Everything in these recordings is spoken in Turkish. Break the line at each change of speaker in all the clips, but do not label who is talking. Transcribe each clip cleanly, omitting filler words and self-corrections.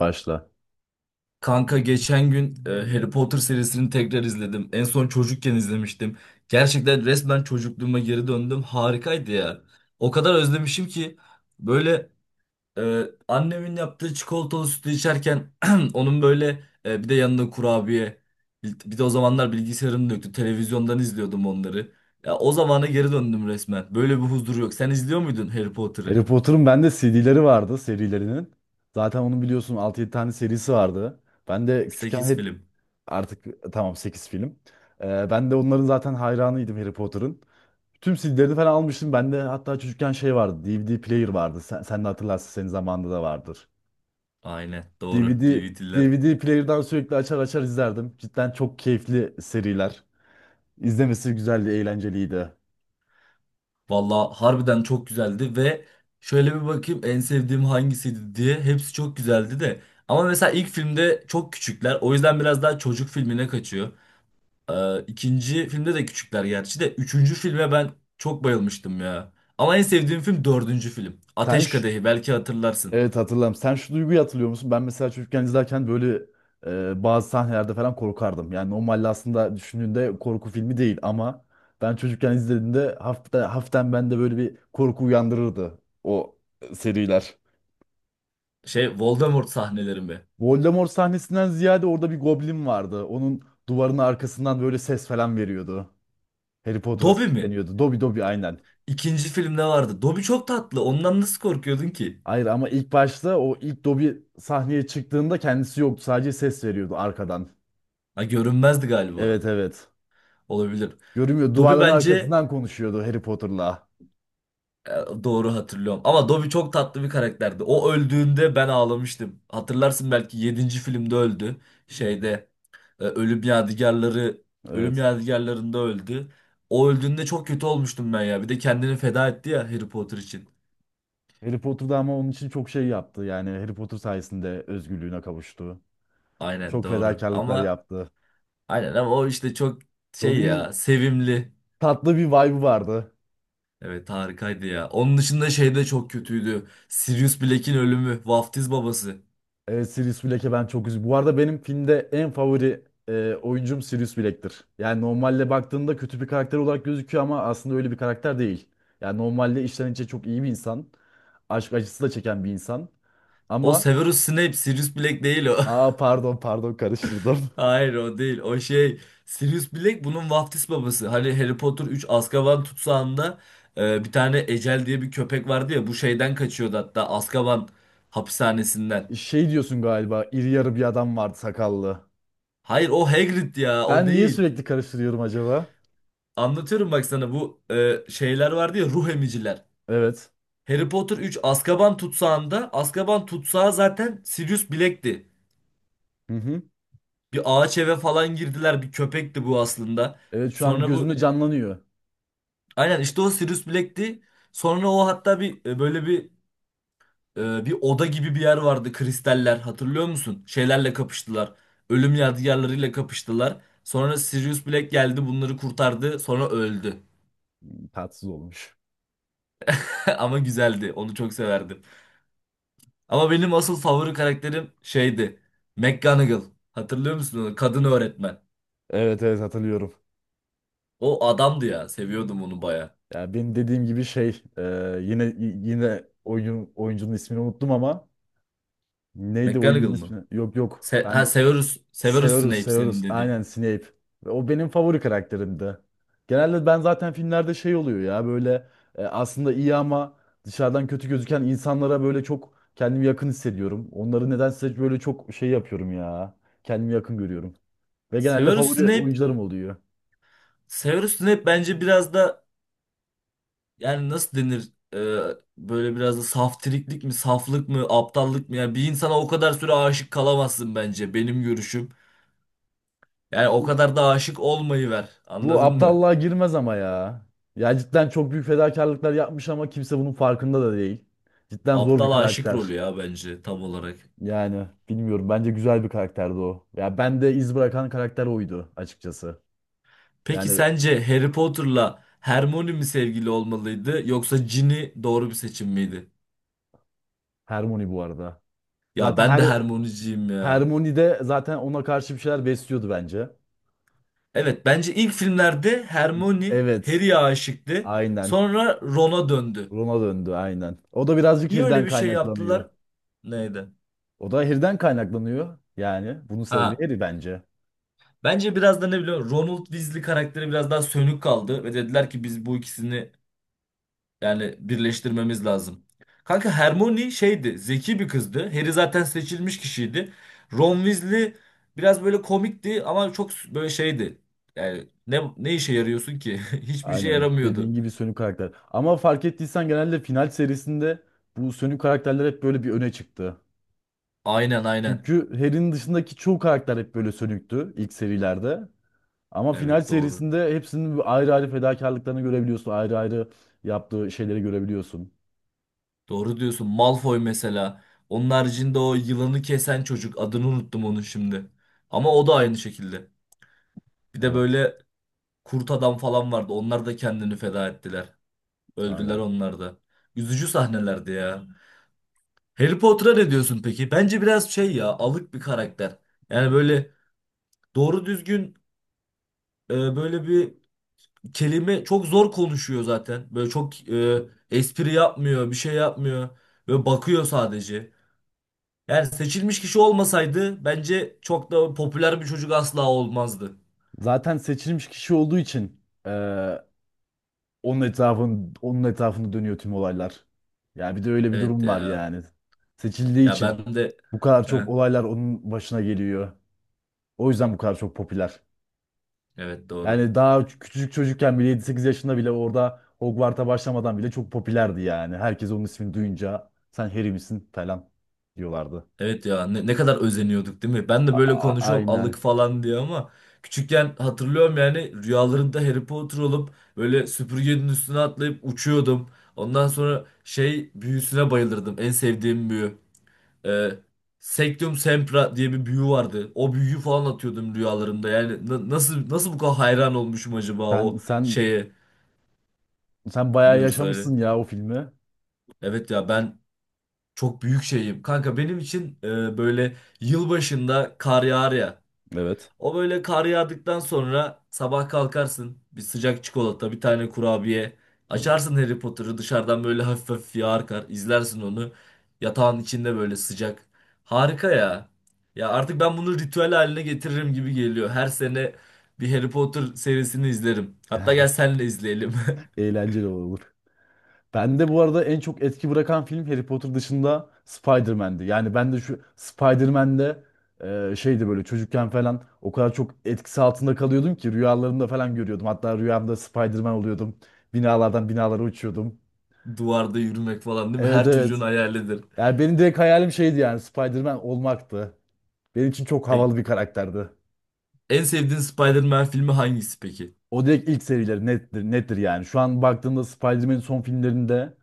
Başla.
Kanka geçen gün Harry Potter serisini tekrar izledim. En son çocukken izlemiştim. Gerçekten resmen çocukluğuma geri döndüm. Harikaydı ya. O kadar özlemişim ki böyle e, annemin yaptığı çikolatalı sütü içerken onun böyle, bir de yanında kurabiye. Bir de o zamanlar bilgisayarım da yoktu. Televizyondan izliyordum onları. Ya o zamana geri döndüm resmen. Böyle bir huzur yok. Sen izliyor muydun Harry Potter'ı?
Harry Potter'ın bende CD'leri vardı, serilerinin. Zaten onun biliyorsun altı yedi tane serisi vardı. Ben de küçükken
8
Harry-
film.
Artık tamam, 8 film. Ben de onların zaten hayranıydım Harry Potter'ın. Tüm CD'lerini falan almıştım. Bende hatta çocukken şey vardı, DVD player vardı. Sen de hatırlarsın, senin zamanında da vardır.
Aynen
DVD
doğru. DVD'ler.
DVD player'dan sürekli açar açar izlerdim. Cidden çok keyifli seriler. İzlemesi güzeldi, eğlenceliydi.
Valla harbiden çok güzeldi ve şöyle bir bakayım en sevdiğim hangisiydi diye, hepsi çok güzeldi de. Ama mesela ilk filmde çok küçükler, o yüzden biraz daha çocuk filmine kaçıyor. İkinci filmde de küçükler gerçi, de üçüncü filme ben çok bayılmıştım ya. Ama en sevdiğim film dördüncü film.
Sen
Ateş Kadehi, belki hatırlarsın.
Evet, hatırlarım. Sen şu duyguyu hatırlıyor musun? Ben mesela çocukken izlerken böyle bazı sahnelerde falan korkardım. Yani normalde aslında düşündüğünde korku filmi değil ama ben çocukken izlediğimde haften bende böyle bir korku uyandırırdı o seriler.
Şey, Voldemort sahneleri mi?
Voldemort sahnesinden ziyade orada bir goblin vardı. Onun duvarının arkasından böyle ses falan veriyordu. Harry Potter'a
Dobby mi?
sesleniyordu. Dobby, Dobby, aynen.
İkinci filmde vardı. Dobby çok tatlı, ondan nasıl korkuyordun ki?
Hayır, ama ilk başta o ilk Dobby sahneye çıktığında kendisi yoktu. Sadece ses veriyordu arkadan.
Ha, görünmezdi
Evet,
galiba.
evet.
Olabilir.
Görünmüyor.
Dobby
Duvarların
bence.
arkasından konuşuyordu Harry Potter'la.
Doğru hatırlıyorum. Ama Dobby çok tatlı bir karakterdi. O öldüğünde ben ağlamıştım. Hatırlarsın, belki yedinci filmde öldü. Şeyde, Ölüm Yadigarları, Ölüm
Evet.
Yadigarlarında öldü. O öldüğünde çok kötü olmuştum ben ya. Bir de kendini feda etti ya Harry Potter için.
Harry Potter'da ama onun için çok şey yaptı. Yani Harry Potter sayesinde özgürlüğüne kavuştu.
Aynen
Çok
doğru.
fedakarlıklar
Ama
yaptı.
aynen, ama o işte çok şey
Dobby'nin
ya, sevimli.
tatlı bir vibe'ı vardı.
Evet, harikaydı ya. Onun dışında şey de çok kötüydü. Sirius Black'in ölümü. Vaftiz babası.
Evet, Sirius Black'e ben çok üzüldüm. Bu arada benim filmde en favori oyuncum Sirius Black'tir. Yani normalde baktığında kötü bir karakter olarak gözüküyor ama aslında öyle bir karakter değil. Yani normalde içten içe çok iyi bir insan. Aşk acısı da çeken bir insan.
O
Ama
Severus Snape, Sirius Black değil o.
aa, pardon, pardon, karıştırdım.
Hayır, o değil. O şey, Sirius Black bunun vaftiz babası. Hani Harry Potter 3 Azkaban tutsağında bir tane Ecel diye bir köpek vardı ya, bu şeyden kaçıyordu hatta Azkaban hapishanesinden.
Şey diyorsun galiba, iri yarı bir adam vardı, sakallı.
Hayır, o Hagrid ya, o
Ben niye
değil.
sürekli karıştırıyorum acaba?
Anlatıyorum bak sana, bu şeyler vardı ya, ruh emiciler.
Evet.
Harry Potter 3 Azkaban tutsağında, Azkaban tutsağı zaten Sirius Black'ti.
Hı hı.
Bir ağaç eve falan girdiler, bir köpekti bu aslında.
Evet, şu an
Sonra
gözümde
bu.
canlanıyor.
Aynen işte, o Sirius Black'ti. Sonra o hatta bir böyle bir oda gibi bir yer vardı, kristaller, hatırlıyor musun? Şeylerle kapıştılar. Ölüm Yadigarlarıyla kapıştılar. Sonra Sirius Black geldi, bunları kurtardı, sonra öldü.
Tatsız olmuş.
Ama güzeldi, onu çok severdim. Ama benim asıl favori karakterim şeydi. McGonagall. Hatırlıyor musun onu? Kadın öğretmen.
Evet, evet hatırlıyorum.
O adamdı ya, seviyordum onu baya.
Ya benim dediğim gibi şey yine y- yine oyuncunun ismini unuttum ama neydi
McGonagall
oyuncunun
mı?
ismi? Yok, yok.
Se ha Severus, Severus
Severus,
Snape, senin
Severus.
dediğin.
Aynen, Snape. Ve o benim favori karakterimdi. Genelde ben zaten filmlerde şey oluyor ya böyle aslında iyi ama dışarıdan kötü gözüken insanlara böyle çok kendimi yakın hissediyorum. Onları nedense böyle çok şey yapıyorum ya. Kendimi yakın görüyorum. Ve genelde
Severus
favori
Snape,
oyuncularım oluyor.
Severus Snape bence biraz da, yani nasıl denir? Ee, Böyle biraz da saftiriklik mi, saflık mı, aptallık mı? Yani bir insana o kadar süre aşık kalamazsın, bence benim görüşüm. Yani o kadar da aşık olmayı ver,
Bu
anladın mı?
aptallığa girmez ama ya. Ya cidden çok büyük fedakarlıklar yapmış ama kimse bunun farkında da değil. Cidden zor bir
Aptal aşık
karakter.
rolü ya, bence tam olarak.
Yani bilmiyorum. Bence güzel bir karakterdi o. Ya ben de iz bırakan karakter oydu açıkçası.
Peki
Yani
sence Harry Potter'la Hermione mi sevgili olmalıydı, yoksa Ginny doğru bir seçim miydi?
Hermione bu arada.
Ya,
Zaten
ben de
her
Hermione'ciyim ya.
Hermione de zaten ona karşı bir şeyler besliyordu bence.
Evet, bence ilk filmlerde Hermione
Evet.
Harry'ye aşıktı.
Aynen.
Sonra Ron'a döndü.
Ron'a döndü aynen. O da birazcık
Niye öyle
Harry'den
bir şey yaptılar?
kaynaklanıyor.
Neydi?
O da Harry'den kaynaklanıyor. Yani bunun sebebi
Ha.
Harry bence.
Bence biraz da, ne biliyor musun? Ronald Weasley karakteri biraz daha sönük kaldı ve dediler ki, biz bu ikisini yani birleştirmemiz lazım. Kanka, Hermione şeydi, zeki bir kızdı. Harry zaten seçilmiş kişiydi. Ron Weasley biraz böyle komikti, ama çok böyle şeydi. Yani ne işe yarıyorsun ki? Hiçbir şey
Aynen. Dediğin
yaramıyordu.
gibi sönük karakter. Ama fark ettiysen genelde final serisinde bu sönük karakterler hep böyle bir öne çıktı.
Aynen, aynen.
Çünkü Harry'nin dışındaki çoğu karakter hep böyle sönüktü ilk serilerde. Ama final
Evet doğru.
serisinde hepsinin bir ayrı ayrı fedakarlıklarını görebiliyorsun. Ayrı ayrı yaptığı şeyleri görebiliyorsun.
Doğru diyorsun. Malfoy mesela. Onun haricinde o yılanı kesen çocuk. Adını unuttum onun şimdi. Ama o da aynı şekilde. Bir de
Evet,
böyle kurt adam falan vardı. Onlar da kendini feda ettiler. Öldüler
aynen.
onlar da. Üzücü sahnelerdi ya. Harry Potter'a ne diyorsun peki? Bence biraz şey ya, alık bir karakter. Yani böyle doğru düzgün, böyle bir kelime çok zor konuşuyor zaten. Böyle çok espri yapmıyor, bir şey yapmıyor. Böyle bakıyor sadece. Yani seçilmiş kişi olmasaydı, bence çok da popüler bir çocuk asla olmazdı.
Zaten seçilmiş kişi olduğu için onun etrafında dönüyor tüm olaylar. Yani bir de öyle bir
Evet
durum var
ya.
yani. Seçildiği
Ya
için
ben de.
bu kadar çok
Heh,
olaylar onun başına geliyor. O yüzden bu kadar çok popüler.
evet doğru.
Yani daha küçücük çocukken bile 7-8 yaşında bile orada Hogwarts'a başlamadan bile çok popülerdi yani. Herkes onun ismini duyunca sen Harry misin falan diyorlardı.
Evet ya, ne kadar özeniyorduk değil mi? Ben de böyle konuşuyorum, alık
Aynen.
falan diye, ama küçükken hatırlıyorum, yani rüyalarımda Harry Potter olup böyle süpürgenin üstüne atlayıp uçuyordum. Ondan sonra şey büyüsüne bayılırdım. En sevdiğim büyü. E, Sectum Sempra diye bir büyü vardı. O büyüyü falan atıyordum rüyalarımda. Yani nasıl bu kadar hayran olmuşum acaba
Sen
o
sen
şeye?
sen bayağı
Buyur söyle.
yaşamışsın ya o filmi.
Evet ya, ben çok büyük şeyim. Kanka benim için böyle, yılbaşında kar yağar ya.
Evet.
O böyle kar yağdıktan sonra sabah kalkarsın. Bir sıcak çikolata, bir tane kurabiye. Açarsın Harry Potter'ı, dışarıdan böyle hafif hafif yağar kar, izlersin onu. Yatağın içinde böyle, sıcak. Harika ya. Ya artık ben bunu ritüel haline getiririm gibi geliyor. Her sene bir Harry Potter serisini izlerim. Hatta gel senle izleyelim.
Eğlenceli olur. Bende bu arada en çok etki bırakan film Harry Potter dışında Spider-Man'di. Yani ben de şu Spider-Man'de şeydi böyle çocukken falan o kadar çok etkisi altında kalıyordum ki rüyalarımda falan görüyordum. Hatta rüyamda Spider-Man oluyordum. Binalardan binalara uçuyordum.
Duvarda yürümek falan değil mi?
Evet,
Her
evet.
çocuğun hayalidir.
Yani benim direkt hayalim şeydi, yani Spider-Man olmaktı. Benim için çok
Peki,
havalı bir karakterdi.
en sevdiğin Spider-Man filmi hangisi peki?
O direkt ilk serileri nettir, nettir yani. Şu an baktığımda Spider-Man'in son filmlerinde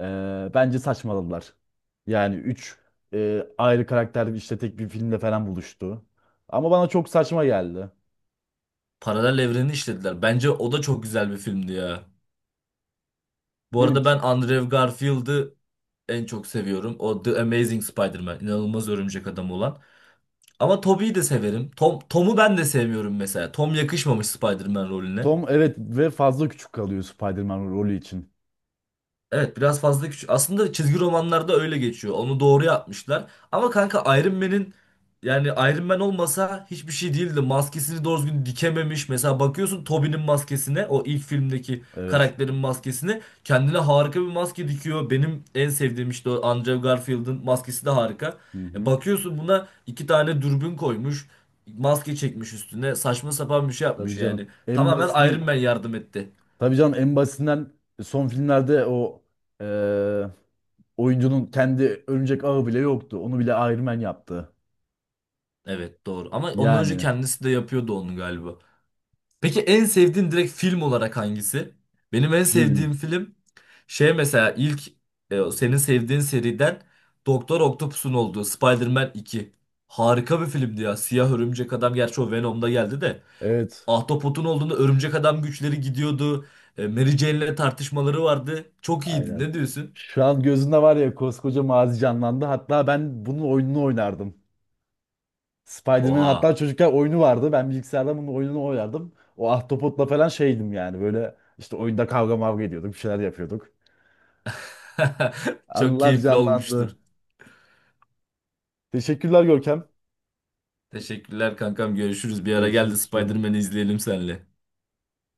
bence saçmaladılar. Yani 3 ayrı karakter işte tek bir filmde falan buluştu. Ama bana çok saçma geldi.
Paralel evreni işlediler. Bence o da çok güzel bir filmdi ya. Bu
Benim
arada ben
için.
Andrew Garfield'ı en çok seviyorum. O The Amazing Spider-Man, inanılmaz örümcek adam olan. Ama Tobey'i de severim. Tom'u ben de sevmiyorum mesela. Tom yakışmamış Spider-Man rolüne.
Tom evet ve fazla küçük kalıyor Spider-Man rolü için.
Evet, biraz fazla küçük. Aslında çizgi romanlarda öyle geçiyor. Onu doğru yapmışlar. Ama kanka, Iron Man'in, yani Iron Man olmasa hiçbir şey değildi. Maskesini doğru düzgün dikememiş. Mesela bakıyorsun Tobey'nin maskesine, o ilk filmdeki
Evet.
karakterin maskesine, kendine harika bir maske dikiyor. Benim en sevdiğim işte o, Andrew Garfield'ın maskesi de harika.
Hı hı.
Bakıyorsun, buna iki tane dürbün koymuş. Maske çekmiş üstüne. Saçma sapan bir şey
Tabii
yapmış
canım,
yani.
en
Tamamen Iron
basitinden,
Man yardım etti.
tabii canım en basitinden son filmlerde o e, oyuncunun kendi örümcek ağı bile yoktu. Onu bile Iron Man yaptı.
Evet doğru. Ama ondan önce
Yani
kendisi de yapıyordu onu galiba. Peki, en sevdiğin direkt film olarak hangisi? Benim en sevdiğim
film.
film şey, mesela ilk o senin sevdiğin seriden Doktor Octopus'un olduğu Spider-Man 2. Harika bir filmdi ya. Siyah Örümcek Adam, gerçi o Venom'da geldi de.
Evet.
Ahtapot'un olduğunda Örümcek Adam güçleri gidiyordu. Mary Jane'le tartışmaları vardı. Çok iyiydi.
Aynen.
Ne diyorsun?
Şu an gözünde var ya, koskoca mazi canlandı. Hatta ben bunun oyununu oynardım. Spider-Man'in hatta
Oha.
çocukken oyunu vardı. Ben bilgisayarda bunun oyununu oynardım. O ahtapotla falan şeydim yani. Böyle işte oyunda kavga mavga ediyorduk. Bir şeyler yapıyorduk.
Çok
Anılar
keyifli
canlandı.
olmuştur.
Teşekkürler Görkem.
Teşekkürler kankam. Görüşürüz. Bir ara gel de
Görüşürüz canım.
Spider-Man'i izleyelim senle.